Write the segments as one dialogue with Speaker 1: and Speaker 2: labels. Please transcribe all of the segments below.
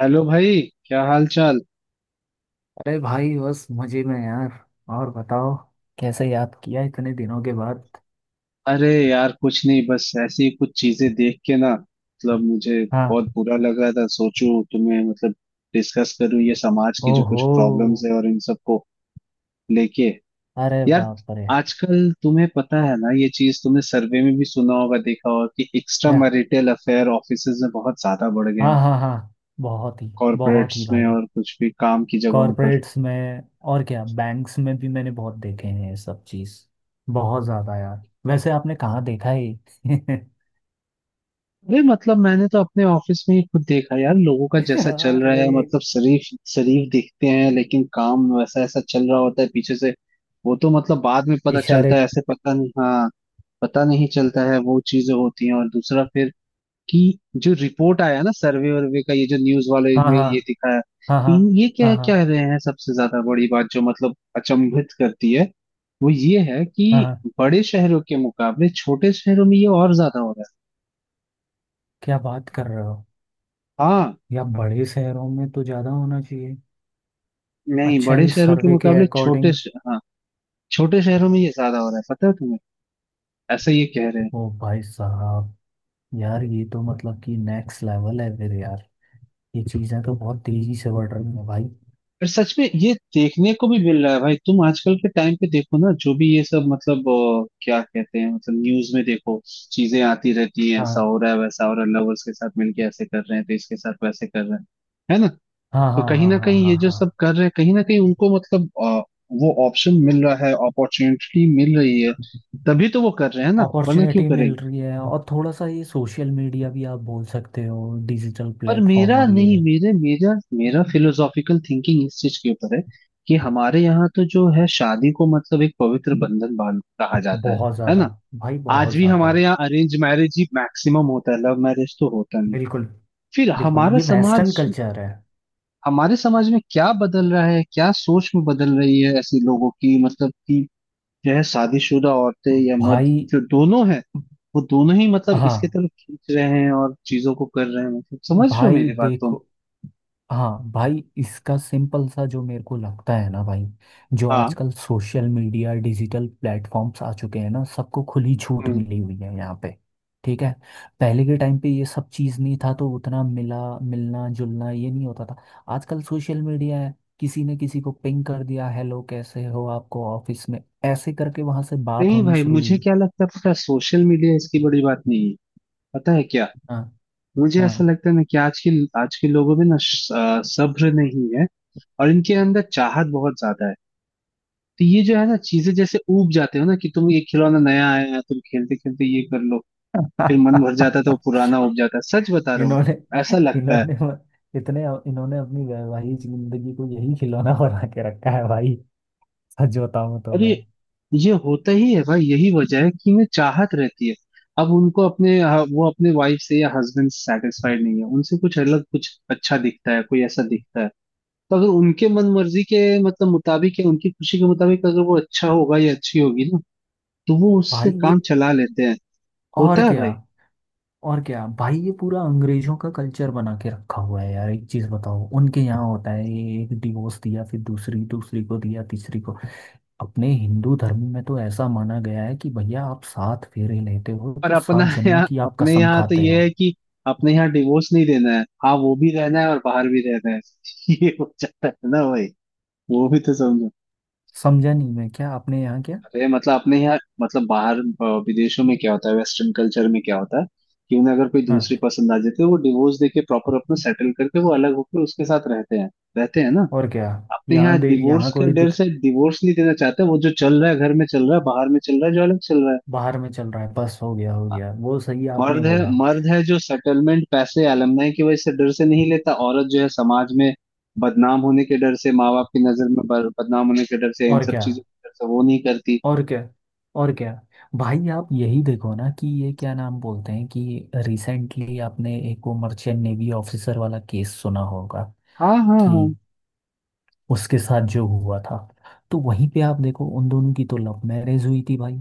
Speaker 1: Hello भाई, क्या हाल चाल।
Speaker 2: अरे भाई, बस मजे में यार। और बताओ। कैसे याद किया इतने दिनों के बाद।
Speaker 1: अरे यार, कुछ नहीं, बस ऐसी ही कुछ चीजें देख के ना मतलब मुझे बहुत
Speaker 2: हाँ।
Speaker 1: बुरा लग रहा था, सोचूं तुम्हें मतलब डिस्कस करूं ये समाज की जो कुछ
Speaker 2: ओहो।
Speaker 1: प्रॉब्लम्स है और इन सबको लेके
Speaker 2: अरे
Speaker 1: यार।
Speaker 2: बाप रे।
Speaker 1: आजकल तुम्हें पता है ना, ये चीज तुमने सर्वे में भी सुना होगा, देखा होगा कि एक्स्ट्रा
Speaker 2: क्या।
Speaker 1: मैरिटल अफेयर ऑफिसेज में बहुत ज्यादा बढ़ गए
Speaker 2: हाँ
Speaker 1: हैं,
Speaker 2: हाँ हाँ। बहुत ही
Speaker 1: कॉर्पोरेट्स में
Speaker 2: भाई।
Speaker 1: और कुछ भी काम की जगहों पर।
Speaker 2: कॉरपोरेट्स में। और क्या, बैंक्स में भी मैंने बहुत देखे हैं ये सब चीज़। बहुत ज़्यादा यार, वैसे आपने कहाँ देखा है ये?
Speaker 1: अरे मतलब मैंने तो अपने ऑफिस में ही खुद देखा यार, लोगों का जैसा चल रहा
Speaker 2: अरे।
Speaker 1: है, मतलब शरीफ शरीफ दिखते हैं लेकिन काम वैसा ऐसा चल रहा होता है पीछे से। वो तो मतलब बाद में पता चलता
Speaker 2: इशारे।
Speaker 1: है, ऐसे पता नहीं, हाँ, पता नहीं चलता है, वो चीजें होती हैं। और दूसरा फिर कि जो रिपोर्ट आया ना, सर्वे वर्वे का, ये जो न्यूज वाले
Speaker 2: हाँ
Speaker 1: में
Speaker 2: हाँ
Speaker 1: ये दिखाया
Speaker 2: हाँ हाँ
Speaker 1: इन, ये क्या
Speaker 2: हाँ हाँ।
Speaker 1: कह रहे हैं, सबसे ज्यादा बड़ी बात जो मतलब अचंभित करती है वो ये है
Speaker 2: हाँ
Speaker 1: कि
Speaker 2: हाँ,
Speaker 1: बड़े शहरों के मुकाबले छोटे शहरों में ये और ज्यादा हो रहा
Speaker 2: क्या बात कर रहे हो।
Speaker 1: है, हाँ।
Speaker 2: या बड़े शहरों में तो ज्यादा होना चाहिए।
Speaker 1: नहीं,
Speaker 2: अच्छा
Speaker 1: बड़े
Speaker 2: ये
Speaker 1: शहरों के
Speaker 2: सर्वे के
Speaker 1: मुकाबले छोटे
Speaker 2: अकॉर्डिंग।
Speaker 1: हाँ, छोटे शहरों में ये ज्यादा हो रहा है, पता है तुम्हें, ऐसा ये कह रहे हैं।
Speaker 2: ओ भाई साहब। यार ये तो मतलब कि नेक्स्ट लेवल है फिर यार। ये चीज़ें तो बहुत तेजी से बढ़ रही हैं भाई।
Speaker 1: पर सच में ये देखने को भी मिल रहा है भाई, तुम आजकल के टाइम पे देखो ना, जो भी ये सब मतलब क्या कहते हैं, मतलब न्यूज में देखो, चीजें आती रहती हैं, ऐसा
Speaker 2: हाँ
Speaker 1: हो रहा है वैसा हो रहा है, लवर्स के साथ मिलके ऐसे कर रहे हैं, तो इसके साथ वैसे कर रहे हैं, है ना।
Speaker 2: हाँ
Speaker 1: तो
Speaker 2: हाँ
Speaker 1: कहीं
Speaker 2: हाँ
Speaker 1: ना
Speaker 2: हाँ
Speaker 1: कहीं
Speaker 2: हाँ
Speaker 1: ये जो
Speaker 2: हाँ।
Speaker 1: सब कर रहे हैं, कहीं ना कहीं उनको मतलब वो ऑप्शन मिल रहा है, अपॉर्चुनिटी मिल रही है, तभी तो वो कर रहे हैं ना, वरना क्यों
Speaker 2: अपॉर्चुनिटी मिल
Speaker 1: करेंगे।
Speaker 2: रही है, और थोड़ा सा ये सोशल मीडिया भी आप बोल सकते हो। डिजिटल
Speaker 1: पर
Speaker 2: प्लेटफॉर्म
Speaker 1: मेरा
Speaker 2: और
Speaker 1: नहीं,
Speaker 2: ये।
Speaker 1: मेरे मेरा मेरा फिलोसॉफिकल थिंकिंग इस चीज के ऊपर है कि हमारे यहाँ तो जो है शादी को मतलब एक पवित्र बंधन बांध कहा जाता है
Speaker 2: बहुत
Speaker 1: है
Speaker 2: ज़्यादा।
Speaker 1: ना।
Speaker 2: भाई
Speaker 1: आज
Speaker 2: बहुत
Speaker 1: भी
Speaker 2: ज़्यादा।
Speaker 1: हमारे यहाँ अरेंज मैरिज ही मैक्सिमम होता है, लव मैरिज तो होता नहीं।
Speaker 2: बिल्कुल।
Speaker 1: फिर
Speaker 2: बिल्कुल,
Speaker 1: हमारा
Speaker 2: ये वेस्टर्न
Speaker 1: समाज,
Speaker 2: कल्चर है
Speaker 1: हमारे समाज में क्या बदल रहा है, क्या सोच में बदल रही है ऐसे लोगों की, मतलब कि जो है शादीशुदा औरतें या मर्द,
Speaker 2: भाई।
Speaker 1: जो दोनों है, वो दोनों ही मतलब इसके
Speaker 2: हाँ।
Speaker 1: तरफ खींच रहे हैं और चीजों को कर रहे हैं, मतलब समझ रहे हो
Speaker 2: भाई
Speaker 1: मेरी बात तुम।
Speaker 2: देखो। हाँ भाई, इसका सिंपल सा जो मेरे को लगता है ना भाई, जो
Speaker 1: हाँ।
Speaker 2: आजकल सोशल मीडिया, डिजिटल प्लेटफॉर्म्स आ चुके हैं ना, सबको खुली छूट मिली हुई है यहाँ पे। ठीक है। पहले के टाइम पे ये सब चीज़ नहीं था, तो उतना मिला मिलना जुलना ये नहीं होता था। आजकल सोशल मीडिया है। किसी ने किसी को पिंग कर दिया, हेलो कैसे हो, आपको ऑफिस में ऐसे करके वहां से बात
Speaker 1: नहीं
Speaker 2: होनी
Speaker 1: भाई,
Speaker 2: शुरू
Speaker 1: मुझे
Speaker 2: हुई।
Speaker 1: क्या लगता है पता है, सोशल मीडिया इसकी बड़ी बात नहीं है, पता है क्या,
Speaker 2: हाँ
Speaker 1: मुझे ऐसा
Speaker 2: हाँ।
Speaker 1: लगता है ना कि आज के लोगों में ना सब्र नहीं है और इनके अंदर चाहत बहुत ज्यादा है। तो ये जो है ना चीजें जैसे ऊब जाते हो ना कि तुम ये खिलौना नया आया है, तुम खेलते खेलते ये कर लो, फिर मन भर जाता है तो वो पुराना ऊब जाता है, सच बता रहा हूँ,
Speaker 2: इन्होंने
Speaker 1: ऐसा लगता है।
Speaker 2: इन्होंने इतने इन्होंने अपनी वैवाहिक जिंदगी को यही खिलौना बना के रखा है भाई। सच बताऊं तो
Speaker 1: अरे
Speaker 2: मैं।
Speaker 1: ये होता ही है भाई, यही वजह है कि इन्हें चाहत रहती है, अब उनको अपने हाँ, वो अपने वाइफ से या हस्बैंड से सेटिस्फाइड नहीं है, उनसे कुछ अलग कुछ अच्छा दिखता है, कोई ऐसा दिखता है तो अगर उनके मन मर्जी के मतलब मुताबिक या उनकी खुशी के मुताबिक अगर वो अच्छा होगा या अच्छी होगी ना, तो वो उससे
Speaker 2: भाई ये।
Speaker 1: काम चला लेते हैं, होता
Speaker 2: और
Speaker 1: है
Speaker 2: क्या।
Speaker 1: भाई।
Speaker 2: और क्या भाई, ये पूरा अंग्रेजों का कल्चर बना के रखा हुआ है यार, एक चीज बताओ, उनके यहाँ होता है ये, एक डिवोर्स दिया, फिर दूसरी, दूसरी को दिया, तीसरी को। अपने हिंदू धर्म में तो ऐसा माना गया है कि भैया, आप सात फेरे लेते हो
Speaker 1: पर
Speaker 2: तो
Speaker 1: अपना
Speaker 2: सात जन्मों
Speaker 1: यहाँ,
Speaker 2: की आप
Speaker 1: अपने
Speaker 2: कसम
Speaker 1: यहाँ तो
Speaker 2: खाते
Speaker 1: ये
Speaker 2: हो।
Speaker 1: है कि अपने यहाँ डिवोर्स नहीं देना है, हाँ, वो भी रहना है और बाहर भी रहना है, ये हो जाता है ना भाई, वो भी तो समझो।
Speaker 2: समझा नहीं मैं, क्या आपने यहाँ क्या।
Speaker 1: अरे मतलब अपने यहाँ मतलब बाहर विदेशों में क्या होता है, वेस्टर्न कल्चर में क्या होता है कि उन्हें अगर कोई दूसरी
Speaker 2: हाँ।
Speaker 1: पसंद आ जाती है, वो डिवोर्स देके प्रॉपर अपना सेटल करके वो अलग होकर उसके साथ रहते हैं, रहते हैं ना।
Speaker 2: और क्या।
Speaker 1: अपने यहाँ
Speaker 2: यहाँ
Speaker 1: डिवोर्स का
Speaker 2: कोई
Speaker 1: डर
Speaker 2: दिख।
Speaker 1: से डिवोर्स नहीं देना चाहते, वो जो चल रहा है घर में चल रहा है, बाहर में चल रहा है, जो अलग चल रहा है।
Speaker 2: बाहर में चल रहा है, बस हो गया, हो
Speaker 1: हाँ,
Speaker 2: गया वो, सही आपने
Speaker 1: मर्द है,
Speaker 2: बोला।
Speaker 1: मर्द है जो सेटलमेंट पैसे अलमनाई की वजह से डर से नहीं लेता, औरत जो है समाज में बदनाम होने के डर से, माँ बाप की नजर में बदनाम होने के डर से, इन
Speaker 2: और
Speaker 1: सब
Speaker 2: क्या।
Speaker 1: चीजों के डर से वो नहीं करती।
Speaker 2: और क्या। और क्या। भाई आप यही देखो ना, कि ये क्या नाम बोलते हैं कि रिसेंटली आपने एक वो मर्चेंट नेवी ऑफिसर वाला केस सुना होगा।
Speaker 1: हाँ, हाँ,
Speaker 2: कि
Speaker 1: हाँ,
Speaker 2: उसके साथ जो हुआ था। तो वहीं पे आप देखो, उन दोनों की तो लव मैरिज हुई थी भाई।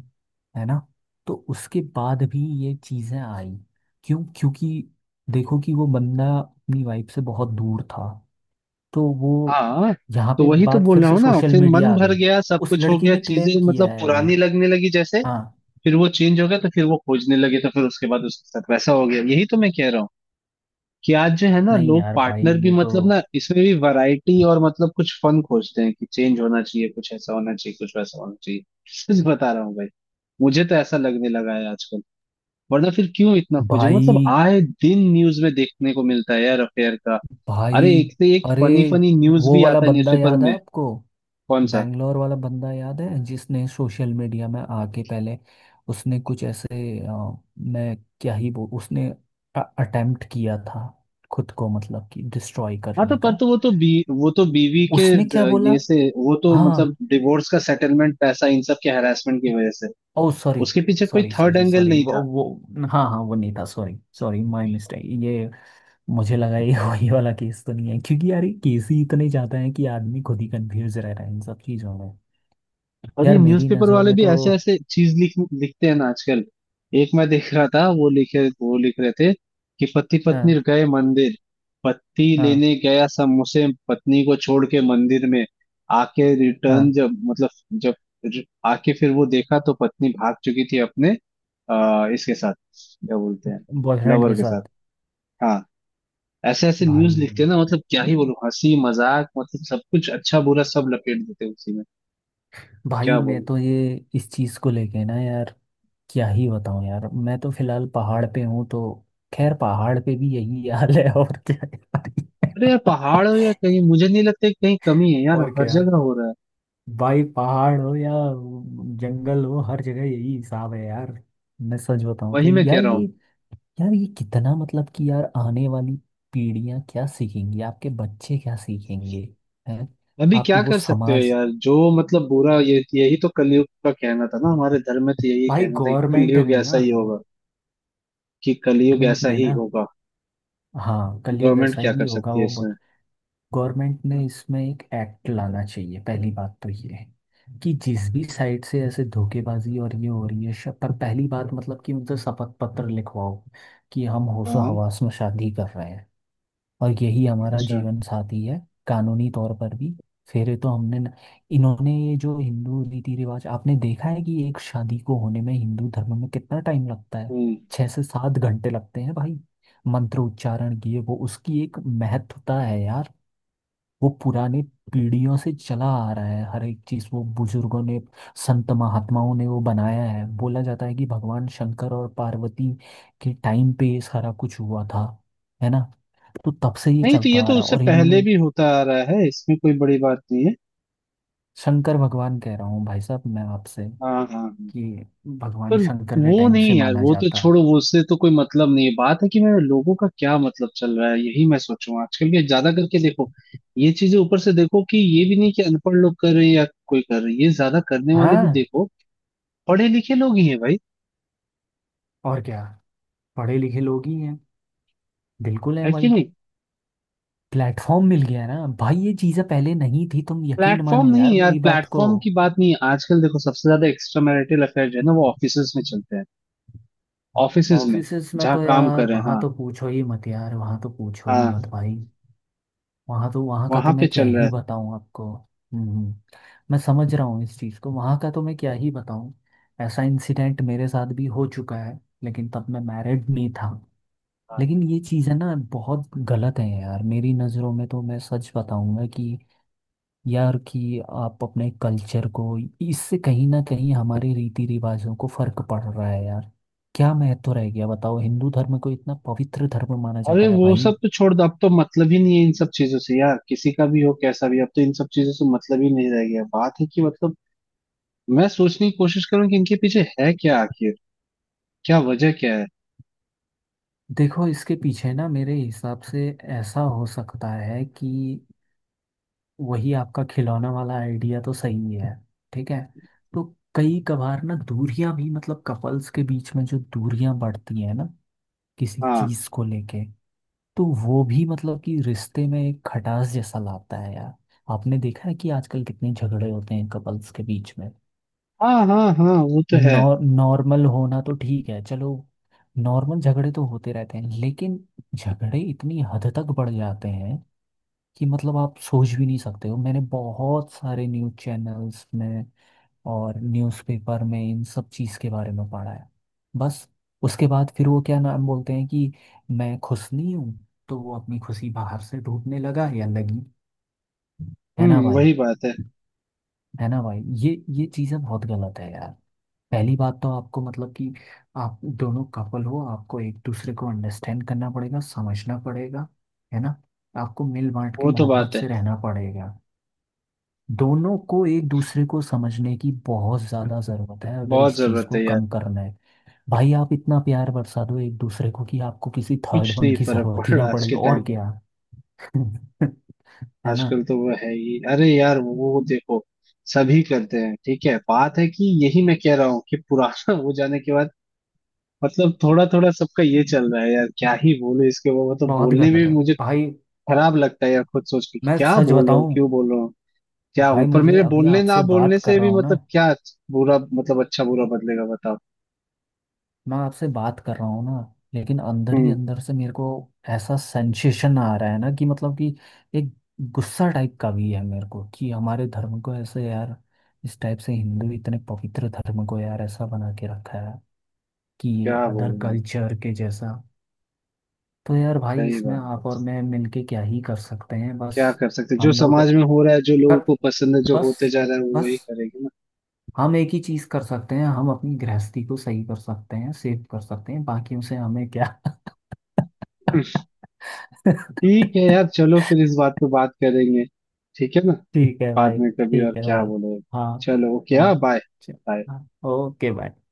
Speaker 2: है ना। तो उसके बाद भी ये चीज़ें आई। क्यों, क्योंकि देखो कि वो बंदा अपनी वाइफ से बहुत दूर था। तो वो
Speaker 1: हाँ।
Speaker 2: यहाँ
Speaker 1: तो
Speaker 2: पे
Speaker 1: वही तो
Speaker 2: बात
Speaker 1: बोल
Speaker 2: फिर
Speaker 1: रहा
Speaker 2: से
Speaker 1: हूँ ना,
Speaker 2: सोशल
Speaker 1: फिर
Speaker 2: मीडिया
Speaker 1: मन
Speaker 2: आ
Speaker 1: भर
Speaker 2: गई।
Speaker 1: गया, सब
Speaker 2: उस
Speaker 1: कुछ हो
Speaker 2: लड़की
Speaker 1: गया,
Speaker 2: ने
Speaker 1: चीजें
Speaker 2: क्लेम किया
Speaker 1: मतलब
Speaker 2: है ये।
Speaker 1: पुरानी लगने लगी जैसे,
Speaker 2: हाँ।
Speaker 1: फिर वो चेंज हो गया तो फिर वो खोजने लगे, तो फिर उसके बाद उसके साथ वैसा हो गया, यही तो मैं कह रहा हूँ कि आज जो है ना,
Speaker 2: नहीं
Speaker 1: लोग
Speaker 2: यार भाई
Speaker 1: पार्टनर भी
Speaker 2: ये तो।
Speaker 1: मतलब ना इसमें भी वैरायटी और मतलब कुछ फन खोजते हैं कि चेंज होना चाहिए, कुछ ऐसा होना चाहिए, कुछ वैसा होना चाहिए। सच बता रहा हूँ भाई, मुझे तो ऐसा लगने लगा है आजकल। वरना फिर क्यों इतना खोजेंगे, मतलब
Speaker 2: भाई।
Speaker 1: आए दिन न्यूज में देखने को मिलता है यार अफेयर का।
Speaker 2: भाई।
Speaker 1: अरे एक से एक
Speaker 2: अरे
Speaker 1: फनी फनी न्यूज
Speaker 2: वो
Speaker 1: भी
Speaker 2: वाला
Speaker 1: आता है
Speaker 2: बंदा
Speaker 1: न्यूज़पेपर
Speaker 2: याद है
Speaker 1: में।
Speaker 2: आपको।
Speaker 1: कौन सा।
Speaker 2: बैंगलोर वाला बंदा याद है, जिसने सोशल मीडिया में आके पहले, उसने कुछ ऐसे मैं क्या ही बोल, उसने अटेम्प्ट किया था, खुद को मतलब कि डिस्ट्रॉय
Speaker 1: हाँ, तो
Speaker 2: करने का।
Speaker 1: पर तो वो तो बीवी के
Speaker 2: उसने क्या बोला।
Speaker 1: ये से वो तो मतलब
Speaker 2: हाँ।
Speaker 1: डिवोर्स का सेटलमेंट पैसा इन सब के हरासमेंट की वजह से,
Speaker 2: ओ सॉरी।
Speaker 1: उसके पीछे कोई
Speaker 2: sorry
Speaker 1: third
Speaker 2: sorry
Speaker 1: angle
Speaker 2: sorry
Speaker 1: नहीं
Speaker 2: वो
Speaker 1: था।
Speaker 2: वो हाँ हाँ, वो नहीं था, सॉरी सॉरी, माय मिस्टेक ये। मुझे लगा ये वही वाला केस तो नहीं है, क्योंकि यार ये केस ही इतने ज़्यादा हैं कि आदमी खुद ही कंफ्यूज रह रहा है इन सब चीज़ों में।
Speaker 1: और ये
Speaker 2: यार मेरी
Speaker 1: न्यूज़पेपर
Speaker 2: नज़रों
Speaker 1: वाले
Speaker 2: में
Speaker 1: भी
Speaker 2: तो।
Speaker 1: ऐसे ऐसे चीज लिख लिखते हैं ना आजकल। एक मैं देख रहा था वो लिख रहे थे कि पति पत्नी
Speaker 2: हाँ
Speaker 1: गए मंदिर, पति
Speaker 2: हाँ
Speaker 1: लेने गया समोसे, पत्नी को छोड़ के मंदिर में, आके रिटर्न
Speaker 2: हाँ।
Speaker 1: जब मतलब जब आके फिर वो देखा तो पत्नी भाग चुकी थी अपने इसके साथ, क्या बोलते हैं,
Speaker 2: बॉयफ्रेंड
Speaker 1: लवर
Speaker 2: के
Speaker 1: के साथ,
Speaker 2: साथ।
Speaker 1: हाँ। ऐसे ऐसे
Speaker 2: भाई।
Speaker 1: न्यूज लिखते हैं ना, मतलब क्या ही बोलूं, हंसी मजाक मतलब सब कुछ अच्छा बुरा सब लपेट देते हैं उसी में,
Speaker 2: भाई
Speaker 1: क्या
Speaker 2: मैं
Speaker 1: बोलूं।
Speaker 2: तो ये इस चीज़ को लेके ना यार, क्या ही बताऊँ यार, मैं तो फिलहाल पहाड़ पे हूँ तो। खैर, पहाड़ पे भी यही हाल है और क्या है?
Speaker 1: अरे यार, पहाड़ हो या कहीं मुझे नहीं लगता कि कहीं कमी है यार,
Speaker 2: और
Speaker 1: हर
Speaker 2: क्या
Speaker 1: जगह हो रहा है,
Speaker 2: भाई, पहाड़ हो या जंगल हो, हर जगह यही हिसाब है यार। मैं सच बताऊं तो
Speaker 1: वही मैं कह
Speaker 2: यार
Speaker 1: रहा
Speaker 2: ये,
Speaker 1: हूँ।
Speaker 2: यार ये कितना मतलब कि यार, आने वाली पीढ़ियां क्या सीखेंगी, आपके बच्चे क्या सीखेंगे। हैं।
Speaker 1: अभी
Speaker 2: आप
Speaker 1: क्या
Speaker 2: वो
Speaker 1: कर सकते हो
Speaker 2: समाज।
Speaker 1: यार, जो मतलब बुरा ये यही तो कलयुग का कहना था ना, हमारे धर्म में तो यही
Speaker 2: भाई
Speaker 1: कहना था कि
Speaker 2: गवर्नमेंट
Speaker 1: कलयुग
Speaker 2: ने
Speaker 1: ऐसा
Speaker 2: ना।
Speaker 1: ही होगा, कि कलयुग
Speaker 2: गवर्नमेंट
Speaker 1: ऐसा
Speaker 2: ने
Speaker 1: ही
Speaker 2: ना।
Speaker 1: होगा।
Speaker 2: हाँ, कलयुग
Speaker 1: गवर्नमेंट
Speaker 2: ऐसा
Speaker 1: क्या
Speaker 2: ही
Speaker 1: कर
Speaker 2: होगा
Speaker 1: सकती है
Speaker 2: वो।
Speaker 1: इसमें।
Speaker 2: गवर्नमेंट ने इसमें एक एक्ट लाना चाहिए, पहली बात तो ये है कि जिस भी साइड से ऐसे धोखेबाजी और ये हो रही है, पर पहली बात मतलब कि उनसे शपथ पत्र लिखवाओ, कि हम होशो
Speaker 1: हाँ।
Speaker 2: हवास में शादी कर रहे हैं और यही हमारा
Speaker 1: अच्छा।
Speaker 2: जीवन साथी है। कानूनी तौर पर भी। फिर तो हमने न, इन्होंने ये जो हिंदू रीति रिवाज आपने देखा है, कि एक शादी को होने में हिंदू धर्म में कितना टाइम लगता है।
Speaker 1: हम्म।
Speaker 2: 6 से 7 घंटे लगते हैं भाई। मंत्र उच्चारण किए, वो उसकी एक महत्वता है यार। वो पुराने पीढ़ियों से चला आ रहा है, हर एक चीज वो बुजुर्गों ने, संत महात्माओं ने वो बनाया है। बोला जाता है कि भगवान शंकर और पार्वती के टाइम पे ये सारा कुछ हुआ था। है ना। तो तब से ये
Speaker 1: नहीं, तो
Speaker 2: चलता
Speaker 1: ये
Speaker 2: आ
Speaker 1: तो
Speaker 2: रहा है,
Speaker 1: उससे
Speaker 2: और
Speaker 1: पहले
Speaker 2: इन्होंने।
Speaker 1: भी होता आ रहा है, इसमें कोई बड़ी बात नहीं है।
Speaker 2: शंकर भगवान, कह रहा हूँ भाई साहब मैं आपसे,
Speaker 1: हाँ, हाँ, हाँ।
Speaker 2: कि
Speaker 1: पर
Speaker 2: भगवान शंकर के
Speaker 1: वो
Speaker 2: टाइम से
Speaker 1: नहीं यार,
Speaker 2: माना
Speaker 1: वो तो
Speaker 2: जाता है।
Speaker 1: छोड़ो, वो उससे तो कोई मतलब नहीं है, बात है कि मैं लोगों का क्या मतलब चल रहा है, यही मैं सोचूं आजकल के ज्यादा करके देखो, ये चीजें ऊपर से देखो कि ये भी नहीं कि अनपढ़ लोग कर रहे हैं या कोई कर रहे हैं, ये ज्यादा करने वाले भी
Speaker 2: हाँ।
Speaker 1: देखो पढ़े लिखे लोग ही है भाई,
Speaker 2: और क्या। पढ़े लिखे लोग ही हैं। बिल्कुल है
Speaker 1: है कि
Speaker 2: भाई।
Speaker 1: नहीं।
Speaker 2: प्लेटफॉर्म मिल गया ना भाई, ये चीजें पहले नहीं थी, तुम यकीन
Speaker 1: प्लेटफॉर्म
Speaker 2: मानो
Speaker 1: नहीं
Speaker 2: यार
Speaker 1: यार,
Speaker 2: मेरी बात को।
Speaker 1: प्लेटफॉर्म की बात नहीं है, आजकल देखो सबसे ज्यादा एक्स्ट्रा मैरिटल अफेयर जो है ना वो ऑफिसेज में चलते हैं, ऑफिसेज में,
Speaker 2: ऑफिसेस में
Speaker 1: जहाँ
Speaker 2: तो
Speaker 1: काम कर
Speaker 2: यार,
Speaker 1: रहे हैं,
Speaker 2: वहाँ
Speaker 1: हाँ,
Speaker 2: तो पूछो ही मत यार, वहाँ तो पूछो ही
Speaker 1: हाँ,
Speaker 2: मत भाई। वहाँ तो, वहाँ का तो
Speaker 1: वहां पे
Speaker 2: मैं क्या
Speaker 1: चल
Speaker 2: ही
Speaker 1: रहा
Speaker 2: बताऊँ आपको। हम्म। मैं समझ रहा हूँ इस चीज़ को, वहाँ का तो मैं क्या ही बताऊँ। ऐसा इंसिडेंट मेरे साथ भी हो चुका है। लेकिन तब मैं मैरिड नहीं था।
Speaker 1: है।
Speaker 2: लेकिन ये चीज़ें ना बहुत गलत हैं यार, मेरी नज़रों में तो। मैं सच बताऊँगा कि यार, कि आप अपने कल्चर को, इससे कहीं ना कहीं हमारे रीति रिवाजों को फर्क पड़ रहा है यार। क्या महत्व रह गया बताओ, हिंदू धर्म को इतना पवित्र धर्म माना
Speaker 1: अरे
Speaker 2: जाता है।
Speaker 1: वो
Speaker 2: भाई
Speaker 1: सब तो छोड़ दो, अब तो मतलब ही नहीं है इन सब चीजों से यार, किसी का भी हो कैसा भी, अब तो इन सब चीजों से मतलब ही नहीं रह गया, बात है कि मतलब मैं सोचने की कोशिश करूं कि इनके पीछे है क्या आखिर, क्या वजह क्या है।
Speaker 2: देखो, इसके पीछे ना मेरे हिसाब से ऐसा हो सकता है कि वही आपका खिलौना वाला आइडिया तो सही है। ठीक है। तो कई कभार ना दूरियां भी, मतलब कपल्स के बीच में जो दूरियां बढ़ती है ना, किसी
Speaker 1: हाँ,
Speaker 2: चीज को लेके, तो वो भी मतलब कि रिश्ते में एक खटास जैसा लाता है यार। आपने देखा है कि आजकल कितने झगड़े होते हैं कपल्स के बीच में।
Speaker 1: हाँ, हाँ, हाँ, वो तो है।
Speaker 2: नॉर्मल होना तो ठीक है चलो, नॉर्मल झगड़े तो होते रहते हैं, लेकिन झगड़े इतनी हद तक बढ़ जाते हैं कि मतलब आप सोच भी नहीं सकते हो। मैंने बहुत सारे न्यूज़ चैनल्स में और न्यूज़पेपर में इन सब चीज़ के बारे में पढ़ा है। बस उसके बाद फिर वो क्या नाम बोलते हैं कि मैं खुश नहीं हूँ, तो वो अपनी खुशी बाहर से ढूंढने लगा या लगी। है ना
Speaker 1: हम्म,
Speaker 2: भाई।
Speaker 1: वही बात है।
Speaker 2: है ना भाई ये चीज़ें बहुत गलत है यार। पहली बात तो आपको मतलब कि आप दोनों कपल हो, आपको एक दूसरे को अंडरस्टैंड करना पड़ेगा, समझना पड़ेगा। है ना। आपको मिल बांट के
Speaker 1: वो तो
Speaker 2: मोहब्बत
Speaker 1: बात है,
Speaker 2: से रहना पड़ेगा। दोनों को एक दूसरे को समझने की बहुत ज्यादा जरूरत है, अगर
Speaker 1: बहुत
Speaker 2: इस चीज
Speaker 1: जरूरत
Speaker 2: को
Speaker 1: है यार।
Speaker 2: कम करना है। भाई आप इतना प्यार बरसा दो एक दूसरे को कि आपको किसी थर्ड
Speaker 1: कुछ
Speaker 2: वन
Speaker 1: नहीं
Speaker 2: की
Speaker 1: फर्क पड़
Speaker 2: जरूरत ही ना
Speaker 1: रहा आज
Speaker 2: पड़े,
Speaker 1: के टाइम
Speaker 2: और
Speaker 1: पर।
Speaker 2: क्या। है ना।
Speaker 1: आजकल तो वो है ही, अरे यार वो देखो, सभी करते हैं, ठीक है, बात है कि यही मैं कह रहा हूँ कि पुराना हो जाने के बाद मतलब थोड़ा थोड़ा सबका ये चल रहा है यार, क्या ही बोलूं, इसके वो मतलब
Speaker 2: बहुत
Speaker 1: बोलने में
Speaker 2: गलत
Speaker 1: भी
Speaker 2: है
Speaker 1: मुझे
Speaker 2: भाई।
Speaker 1: खराब लगता है यार, खुद सोच के कि
Speaker 2: मैं
Speaker 1: क्या
Speaker 2: सच
Speaker 1: बोल रहा हूँ,
Speaker 2: बताऊं,
Speaker 1: क्यों बोल रहा हूँ, क्या
Speaker 2: भाई
Speaker 1: हूँ, पर
Speaker 2: मुझे
Speaker 1: मेरे
Speaker 2: अभी
Speaker 1: बोलने ना
Speaker 2: आपसे
Speaker 1: बोलने
Speaker 2: बात कर
Speaker 1: से
Speaker 2: रहा
Speaker 1: भी
Speaker 2: हूं ना,
Speaker 1: मतलब क्या बुरा मतलब अच्छा बुरा बदलेगा बताओ।
Speaker 2: मैं आपसे बात कर रहा हूँ ना, लेकिन अंदर ही
Speaker 1: हम्म,
Speaker 2: अंदर से मेरे को ऐसा सेंसेशन आ रहा है ना कि मतलब कि एक गुस्सा टाइप का भी है मेरे को, कि हमारे धर्म को ऐसे यार, इस टाइप से, हिंदू इतने पवित्र धर्म को यार ऐसा बना के रखा है, कि ये
Speaker 1: क्या बोल
Speaker 2: अदर
Speaker 1: रहे हैं।
Speaker 2: कल्चर के जैसा। तो यार भाई
Speaker 1: सही
Speaker 2: इसमें
Speaker 1: बात है।
Speaker 2: आप और मैं मिलके क्या ही कर सकते हैं बस।
Speaker 1: क्या कर सकते हैं? जो
Speaker 2: हम लोग
Speaker 1: समाज में हो रहा है, जो लोगों
Speaker 2: कर,
Speaker 1: को पसंद है, जो होते
Speaker 2: बस,
Speaker 1: जा रहा है, वो
Speaker 2: बस,
Speaker 1: वही करेंगे ना।
Speaker 2: हम एक ही चीज कर सकते हैं, हम अपनी गृहस्थी को सही कर सकते हैं, सेव कर सकते हैं, बाकियों से हमें क्या।
Speaker 1: ठीक है यार, चलो फिर इस बात पे बात करेंगे, ठीक है ना,
Speaker 2: ठीक है
Speaker 1: बाद
Speaker 2: भाई,
Speaker 1: में कभी और,
Speaker 2: ठीक है
Speaker 1: क्या
Speaker 2: भाई।
Speaker 1: बोलो,
Speaker 2: हाँ
Speaker 1: चलो ओके, हाँ,
Speaker 2: हाँ,
Speaker 1: बाय,
Speaker 2: च-
Speaker 1: बाय।
Speaker 2: हाँ ओके भाई।